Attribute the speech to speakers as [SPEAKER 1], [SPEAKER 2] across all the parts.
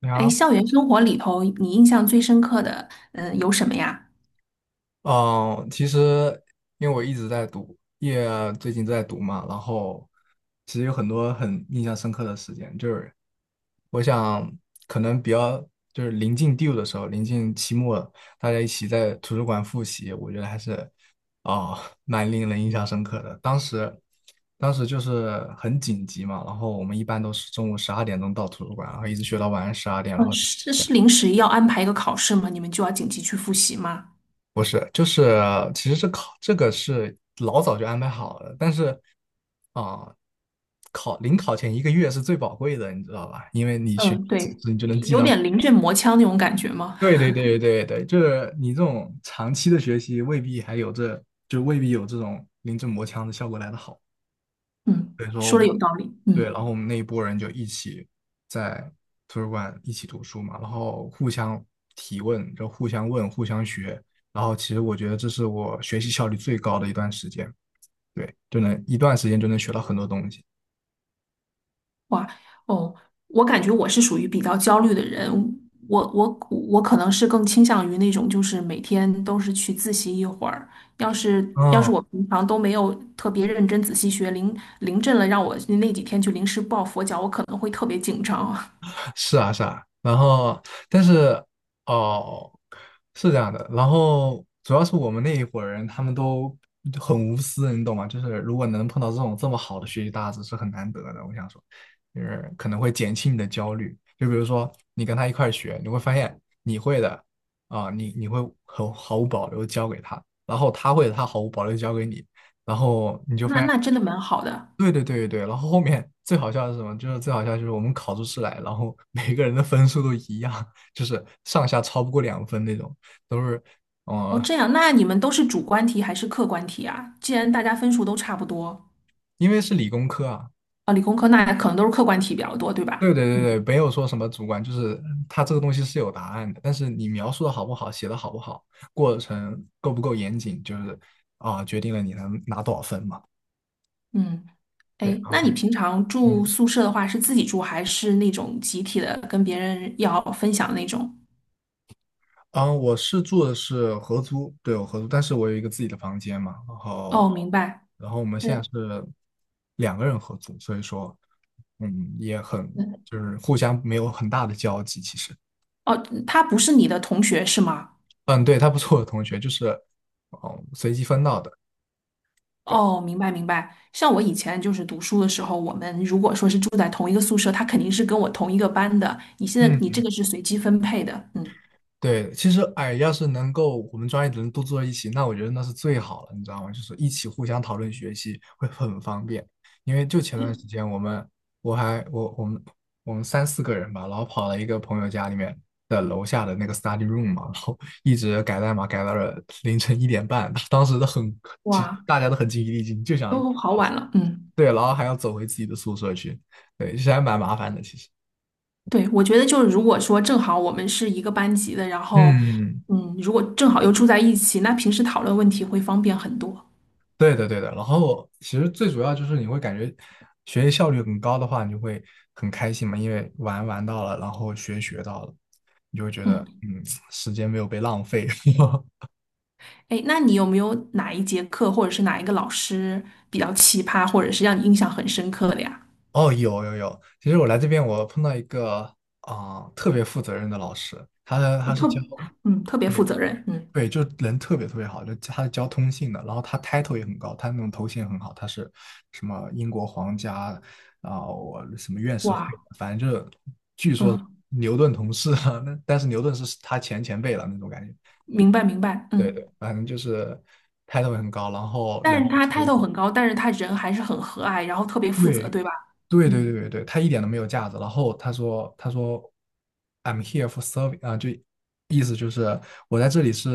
[SPEAKER 1] 你
[SPEAKER 2] 哎，
[SPEAKER 1] 好，
[SPEAKER 2] 校园生活里头，你印象最深刻的，有什么呀？
[SPEAKER 1] 嗯，其实因为我一直在读，也最近在读嘛，然后其实有很多很印象深刻的时间，就是我想可能比较就是临近 due 的时候，临近期末了大家一起在图书馆复习，我觉得还是哦蛮令人印象深刻的。当时就是很紧急嘛，然后我们一般都是中午12点钟到图书馆，然后一直学到晚上十二点，然
[SPEAKER 2] 嗯，
[SPEAKER 1] 后。
[SPEAKER 2] 是临时要安排一个考试吗？你们就要紧急去复习吗？
[SPEAKER 1] 不是，就是其实这个是老早就安排好了，但是啊、考前一个月是最宝贵的，你知道吧？因为你学到
[SPEAKER 2] 嗯，
[SPEAKER 1] 知
[SPEAKER 2] 对，
[SPEAKER 1] 识，你就
[SPEAKER 2] 有
[SPEAKER 1] 能记
[SPEAKER 2] 有
[SPEAKER 1] 到
[SPEAKER 2] 点 临阵磨枪那种感觉吗？
[SPEAKER 1] 对对对对对，就是你这种长期的学习，未必还有这，就未必有这种临阵磨枪的效果来得好。
[SPEAKER 2] 嗯，说的有道理。
[SPEAKER 1] 对，然
[SPEAKER 2] 嗯。
[SPEAKER 1] 后我们那一波人就一起在图书馆一起读书嘛，然后互相提问，就互相问，互相学。然后其实我觉得这是我学习效率最高的一段时间。对，就能一段时间就能学到很多东西。
[SPEAKER 2] 哇，哦，我感觉我是属于比较焦虑的人，我我我可能是更倾向于那种，就是每天都是去自习一会儿。要是要
[SPEAKER 1] 嗯，
[SPEAKER 2] 是我平常都没有特别认真仔细学，临阵了让我那几天去临时抱佛脚，我可能会特别紧张。
[SPEAKER 1] 是啊，是啊。然后，但是哦，是这样的。然后主要是我们那一伙人，他们都很无私，你懂吗？就是如果能碰到这种这么好的学习搭子是很难得的。我想说，就是可能会减轻你的焦虑。就比如说你跟他一块儿学，你会发现你会的啊、你你会很毫无保留地教给他，然后他会的他毫无保留地教给你，然后你 就发
[SPEAKER 2] 那
[SPEAKER 1] 现。
[SPEAKER 2] 那真的蛮好的。
[SPEAKER 1] 对对对对对，然后后面最好笑的是什么？就是最好笑就是我们考出试来，然后 每个人的分数都一样，就是上下超不过2分那种，都是，
[SPEAKER 2] 哦，
[SPEAKER 1] 呃，
[SPEAKER 2] 这样，那你们都是主观题还是客观题啊？既然大家分数都差不多，
[SPEAKER 1] 因为是理工科啊。
[SPEAKER 2] 啊，理工科那可能都是客观题比较多，对
[SPEAKER 1] 对
[SPEAKER 2] 吧？
[SPEAKER 1] 对对
[SPEAKER 2] 嗯
[SPEAKER 1] 对，没有说什么主观，就是它这个东西是有答案的，但是你描述的好不好，写的好不好，过程够不够严谨，就是决定了你能拿多少分嘛。
[SPEAKER 2] 嗯。
[SPEAKER 1] 对，
[SPEAKER 2] 哎，
[SPEAKER 1] 然
[SPEAKER 2] 那
[SPEAKER 1] 后
[SPEAKER 2] 你平常住
[SPEAKER 1] 嗯。
[SPEAKER 2] 宿舍的话，是自己住还是那种集体的，跟别人要分享那种？
[SPEAKER 1] 嗯，我是住的是合租，对，我合租，但是我有一个自己的房间嘛，然
[SPEAKER 2] 哦，
[SPEAKER 1] 后，
[SPEAKER 2] 明白。
[SPEAKER 1] 然后我们现在
[SPEAKER 2] 对，
[SPEAKER 1] 是两个人合租，所以说，也很
[SPEAKER 2] 对
[SPEAKER 1] 就是互相没有很大的交集，其实。
[SPEAKER 2] 哦，他不是你的同学是吗？
[SPEAKER 1] 嗯，对，他不是我的同学，就是，哦，随机分到的，对，
[SPEAKER 2] 哦，明白明白。像我以前就是读书的时候，我们如果说是住在同一个宿舍，他肯定是跟我同一个班的。你现在你
[SPEAKER 1] 嗯。
[SPEAKER 2] 这个是随机分配的，嗯，
[SPEAKER 1] 对，其实哎，要是能够我们专业的人都坐一起，那我觉得那是最好了，你知道吗？就是一起互相讨论学习会很方便。因为就前段时间我们我还我我们我们三四个人吧，然后跑了一个朋友家里面的楼下的那个 study room 嘛，然后 一直改代码改到了凌晨1点半，当时都很其实
[SPEAKER 2] 哇，
[SPEAKER 1] 大家都很精疲力尽，就想，
[SPEAKER 2] 都好晚了，嗯，
[SPEAKER 1] 对，然后还要走回自己的宿舍去，对，其实还蛮麻烦的，其实。
[SPEAKER 2] 对，我觉得就是如果说正好我们是一个班级的，然后
[SPEAKER 1] 嗯。
[SPEAKER 2] 嗯，如果正好又住在一起，那平时讨论问题会方便很多。
[SPEAKER 1] 对的，对的。然后其实最主要就是你会感觉学习效率很高的话，你就会很开心嘛，因为玩玩到了，然后学学到了，你就会觉得
[SPEAKER 2] 嗯，
[SPEAKER 1] 时间没有被浪费。
[SPEAKER 2] 哎，那你有没有哪一节课或者是哪一个老师比较奇葩，或者是让你印象很深刻的呀？
[SPEAKER 1] 哦，有有有，其实我来这边我碰到一个特别负责任的老师，他的
[SPEAKER 2] 我
[SPEAKER 1] 他是
[SPEAKER 2] 特，
[SPEAKER 1] 教。
[SPEAKER 2] 嗯，特别负责任，嗯，
[SPEAKER 1] 对，就人特别特别好，就他是教通信的，然后他 title 也很高，他那种头衔很好，他是什么英国皇家啊，我什么院士会，
[SPEAKER 2] 哇，
[SPEAKER 1] 反正就是据说
[SPEAKER 2] 嗯，
[SPEAKER 1] 牛顿同事啊，那但是牛顿是他前辈了那种感觉。
[SPEAKER 2] 明白明白，
[SPEAKER 1] 对
[SPEAKER 2] 嗯，
[SPEAKER 1] 对，反正就是 title 很高，然后人
[SPEAKER 2] 但是
[SPEAKER 1] 也
[SPEAKER 2] 他
[SPEAKER 1] 特
[SPEAKER 2] 态
[SPEAKER 1] 别
[SPEAKER 2] 度
[SPEAKER 1] 好。
[SPEAKER 2] 很高，但是他人还是很和蔼，然后特别负责，
[SPEAKER 1] 对
[SPEAKER 2] 对吧？
[SPEAKER 1] 对对对
[SPEAKER 2] 嗯，
[SPEAKER 1] 对对，他一点都没有架子。然后他说 I'm here for serving 啊，就意思就是我在这里是，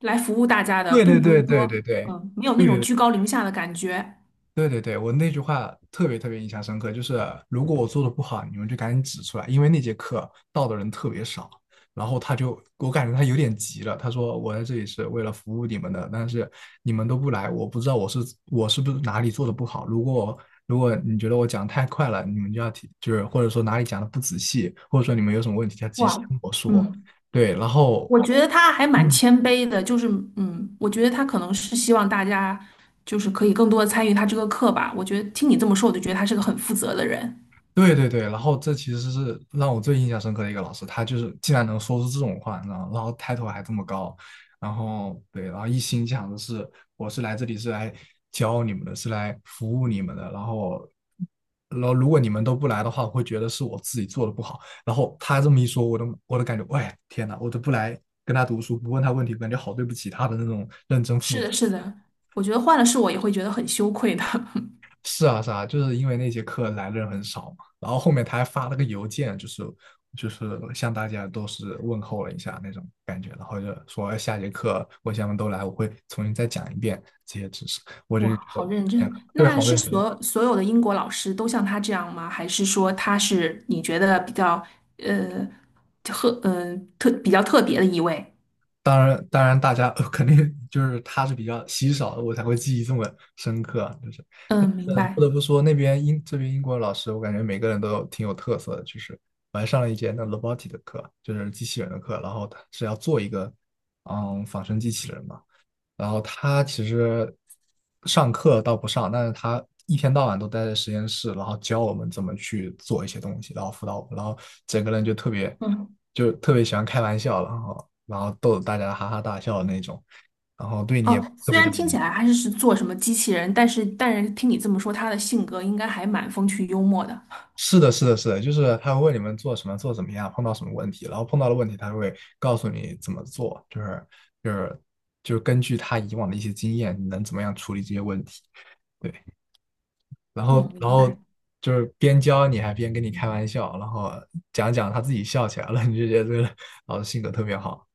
[SPEAKER 2] 来服务大家的，
[SPEAKER 1] 对对
[SPEAKER 2] 并不
[SPEAKER 1] 对
[SPEAKER 2] 是
[SPEAKER 1] 对对
[SPEAKER 2] 说，
[SPEAKER 1] 对。
[SPEAKER 2] 嗯，没有那种
[SPEAKER 1] 对
[SPEAKER 2] 居高临下的感觉，
[SPEAKER 1] 对对对，我那句话特别特别印象深刻，就是如果我做的不好，你们就赶紧指出来，因为那节课到的人特别少，然后他就，我感觉他有点急了，他说我在这里是为了服务你们的，但是你们都不来，我不知道我是不是哪里做的不好，如果你觉得我讲得太快了，你们就要提，就是或者说哪里讲的不仔细，或者说你们有什么问题要及时
[SPEAKER 2] 哇，
[SPEAKER 1] 跟我说，
[SPEAKER 2] 嗯。
[SPEAKER 1] 对，然后。
[SPEAKER 2] 我觉得他还蛮
[SPEAKER 1] 嗯，
[SPEAKER 2] 谦卑的，就是嗯，我觉得他可能是希望大家就是可以更多的参与他这个课吧。我觉得听你这么说，我就觉得他是个很负责的人。
[SPEAKER 1] 对对对，然后这其实是让我最印象深刻的一个老师，他就是竟然能说出这种话，你知道吗？然后抬头还这么高，然后对，然后一心想的是我是来这里是来教你们的，是来服务你们的，然后如果你们都不来的话，我会觉得是我自己做的不好。然后他这么一说，我都感觉，喂，天哪，我都不来跟他读书，不问他问题，感觉好对不起他的那种认真负。
[SPEAKER 2] 是的，是的，我觉得换了是我也会觉得很羞愧的。
[SPEAKER 1] 是啊是啊，就是因为那节课来的人很少嘛，然后后面他还发了个邮件，就是向大家都是问候了一下那种感觉，然后就说哎下节课我想们都来，我会重新再讲一遍这些知识。我就
[SPEAKER 2] 哇，
[SPEAKER 1] 觉得
[SPEAKER 2] 好认
[SPEAKER 1] 天
[SPEAKER 2] 真！
[SPEAKER 1] 呐对，
[SPEAKER 2] 那
[SPEAKER 1] 好
[SPEAKER 2] 是
[SPEAKER 1] 认真。
[SPEAKER 2] 所有的英国老师都像他这样吗？还是说他是你觉得比较呃特呃特比较特别的一位？
[SPEAKER 1] 当然，当然，大家 肯定就是他是比较稀少的，我才会记忆这么深刻啊，就是
[SPEAKER 2] 嗯，明
[SPEAKER 1] 不
[SPEAKER 2] 白。
[SPEAKER 1] 得不说，那边英这边英国老师，我感觉每个人都挺有特色的。就是我还上了一节那 robotic 的课，就是机器人的课，然后他是要做一个仿生机器人嘛。然后他其实上课倒不上，但是他一天到晚都待在实验室，然后教我们怎么去做一些东西，然后辅导我们，然后整个人就特别
[SPEAKER 2] 嗯。
[SPEAKER 1] 喜欢开玩笑，然后逗得大家哈哈大笑的那种，然后对你也
[SPEAKER 2] 哦，
[SPEAKER 1] 特
[SPEAKER 2] 虽
[SPEAKER 1] 别的。
[SPEAKER 2] 然听起来还是是做什么机器人，但是听你这么说，他的性格应该还蛮风趣幽默的。
[SPEAKER 1] 是的，是的，是的，就是他会问你们做什么，做怎么样，碰到什么问题，然后碰到了问题，他会告诉你怎么做，就是就是根据他以往的一些经验，你能怎么样处理这些问题，对，然后
[SPEAKER 2] 哦，
[SPEAKER 1] 然
[SPEAKER 2] 明
[SPEAKER 1] 后
[SPEAKER 2] 白。
[SPEAKER 1] 就是边教你还边跟你开玩笑，然后讲讲他自己笑起来了，你就觉得这个老师性格特别好，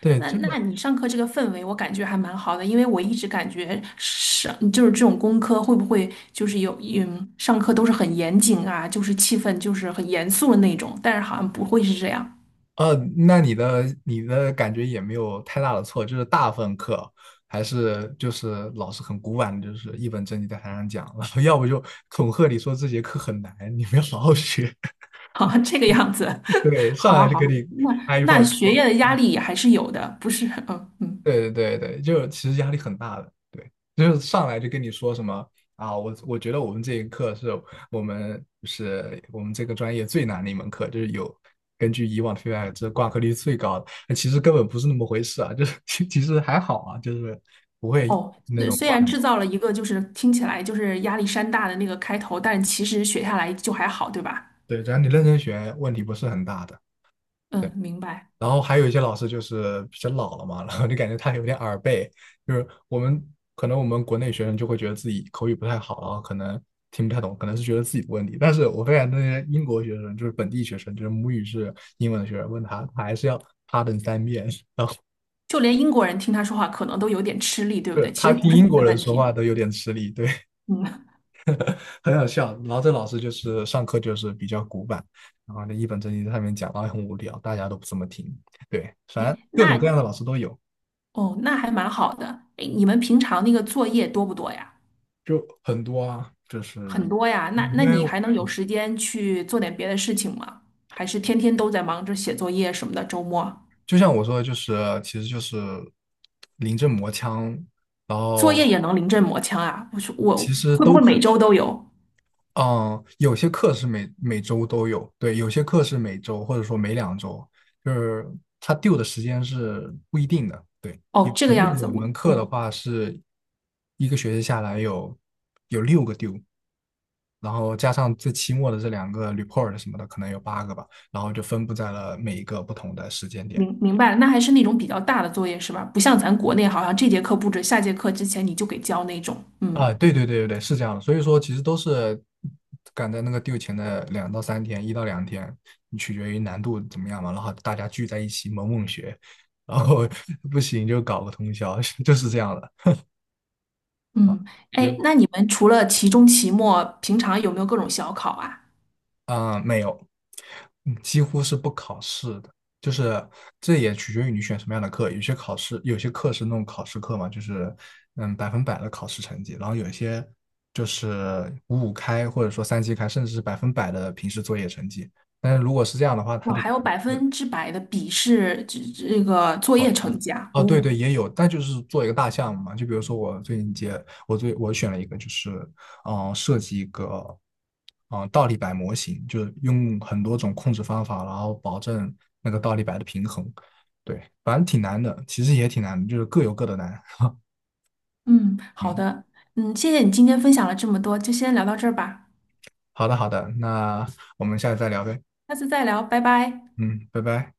[SPEAKER 1] 对，
[SPEAKER 2] 那那你上课这个氛围，我感觉还蛮好的，因为我一直感觉上就是这种工科会不会就是有上课都是很严谨啊，就是气氛就是很严肃的那种，但是好像不会是这样。
[SPEAKER 1] 那你的感觉也没有太大的错，就是大部分课还是就是老师很古板的，就是一本正经在台上讲，然后要不就恐吓你说这节课很难，你们要好好学，
[SPEAKER 2] 好，这个样子，
[SPEAKER 1] 对，上
[SPEAKER 2] 好好
[SPEAKER 1] 来就给
[SPEAKER 2] 好，
[SPEAKER 1] 你
[SPEAKER 2] 那
[SPEAKER 1] 开一炮。
[SPEAKER 2] 那学业的压力也还是有的，不是？嗯嗯。
[SPEAKER 1] 对对对对，就其实压力很大的，对，就是上来就跟你说什么啊，我觉得我们这一课是我们就是我们这个专业最难的一门课，就是有根据以往的 feedback,这挂科率最高的，那其实根本不是那么回事啊，就是 其实还好啊，就是不会，
[SPEAKER 2] 哦，虽然制造了一个就是听起来就是压力山大的那个开头，但其实学下来就还好，对吧？
[SPEAKER 1] 对，只要你认真学，问题不是很大的。对。
[SPEAKER 2] 嗯，明白。
[SPEAKER 1] 然后还有一些老师就是比较老了嘛，然后就感觉他有点耳背，就是我们可能我们国内学生就会觉得自己口语不太好，然后可能听不太懂，可能是觉得自己的问题。但是我发现那些英国学生，就是本地学生，就是母语是英文的学生，问他，他还是要 pardon 3遍，
[SPEAKER 2] 就连英国人听他说话可能都有点吃力，对不
[SPEAKER 1] 对，
[SPEAKER 2] 对？其
[SPEAKER 1] 他
[SPEAKER 2] 实
[SPEAKER 1] 听
[SPEAKER 2] 不是
[SPEAKER 1] 英
[SPEAKER 2] 怎么
[SPEAKER 1] 国
[SPEAKER 2] 的
[SPEAKER 1] 人
[SPEAKER 2] 问
[SPEAKER 1] 说
[SPEAKER 2] 题。
[SPEAKER 1] 话都有点吃力，对，
[SPEAKER 2] 嗯，
[SPEAKER 1] 很好笑。然后这老师就是上课就是比较古板，然后那一本正经在上面讲，然后很无聊，大家都不怎么听，对，反正
[SPEAKER 2] 哎，
[SPEAKER 1] 各种各
[SPEAKER 2] 那
[SPEAKER 1] 样的老师都有。
[SPEAKER 2] 哦，那还蛮好的。哎，你们平常那个作业多不多呀？
[SPEAKER 1] 就很多啊，就是
[SPEAKER 2] 很多呀。那
[SPEAKER 1] 因为
[SPEAKER 2] 你
[SPEAKER 1] 我
[SPEAKER 2] 还能有时间去做点别的事情吗？还是天天都在忙着写作业什么的？周末
[SPEAKER 1] 就像我说的，就是其实就是临阵磨枪，然
[SPEAKER 2] 作
[SPEAKER 1] 后
[SPEAKER 2] 业也能临阵磨枪啊？我说
[SPEAKER 1] 其
[SPEAKER 2] 我
[SPEAKER 1] 实
[SPEAKER 2] 会不
[SPEAKER 1] 都
[SPEAKER 2] 会
[SPEAKER 1] 可
[SPEAKER 2] 每
[SPEAKER 1] 以。
[SPEAKER 2] 周都有？
[SPEAKER 1] 嗯，有些课是每周都有，对，有些课是每周或者说每2周，就是他丢的时间是不一定的。对，有
[SPEAKER 2] 哦，这
[SPEAKER 1] 我
[SPEAKER 2] 个
[SPEAKER 1] 记
[SPEAKER 2] 样
[SPEAKER 1] 得
[SPEAKER 2] 子，
[SPEAKER 1] 有
[SPEAKER 2] 我
[SPEAKER 1] 门课的
[SPEAKER 2] 哦。
[SPEAKER 1] 话是一个学期下来有6个丢，然后加上最期末的这两个 report 什么的，可能有8个吧。然后就分布在了每一个不同的时间点。
[SPEAKER 2] 明明白了，那还是那种比较大的作业是吧？不像咱国内，好像这节课布置，下节课之前你就给交那种。嗯
[SPEAKER 1] 啊，对对对对对，是这样的。所以说，其实都是赶在那个 due 前的2到3天，1到2天，取决于难度怎么样嘛。然后大家聚在一起猛猛学，然后 不行就搞个通宵，就是这样的。
[SPEAKER 2] 嗯，哎，
[SPEAKER 1] 果。
[SPEAKER 2] 那你们除了期中、期末，平常有没有各种小考啊？
[SPEAKER 1] 没有，几乎是不考试的，就是这也取决于你选什么样的课。有些考试，有些课是那种考试课嘛，就是百分百的考试成绩，然后有一些就是五五开或者说三七开，甚至是百分百的平时作业成绩。但是如果是这样的话，它
[SPEAKER 2] 哇，
[SPEAKER 1] 就
[SPEAKER 2] 还有百分之百的笔试，这个作
[SPEAKER 1] 好。
[SPEAKER 2] 业成绩啊！
[SPEAKER 1] 哦，对
[SPEAKER 2] 哦，
[SPEAKER 1] 对，也有，但就是做一个大项目嘛。就比如说我最近接，我最我选了一个，就是设计一个倒立摆模型，就是用很多种控制方法，然后保证那个倒立摆的平衡。对，反正挺难的，其实也挺难的，就是各有各的难。
[SPEAKER 2] 嗯，好
[SPEAKER 1] 嗯，
[SPEAKER 2] 的，嗯，谢谢你今天分享了这么多，就先聊到这儿吧，
[SPEAKER 1] 好的好的，那我们下次再聊呗。
[SPEAKER 2] 下次再聊，拜拜。
[SPEAKER 1] 嗯，拜拜。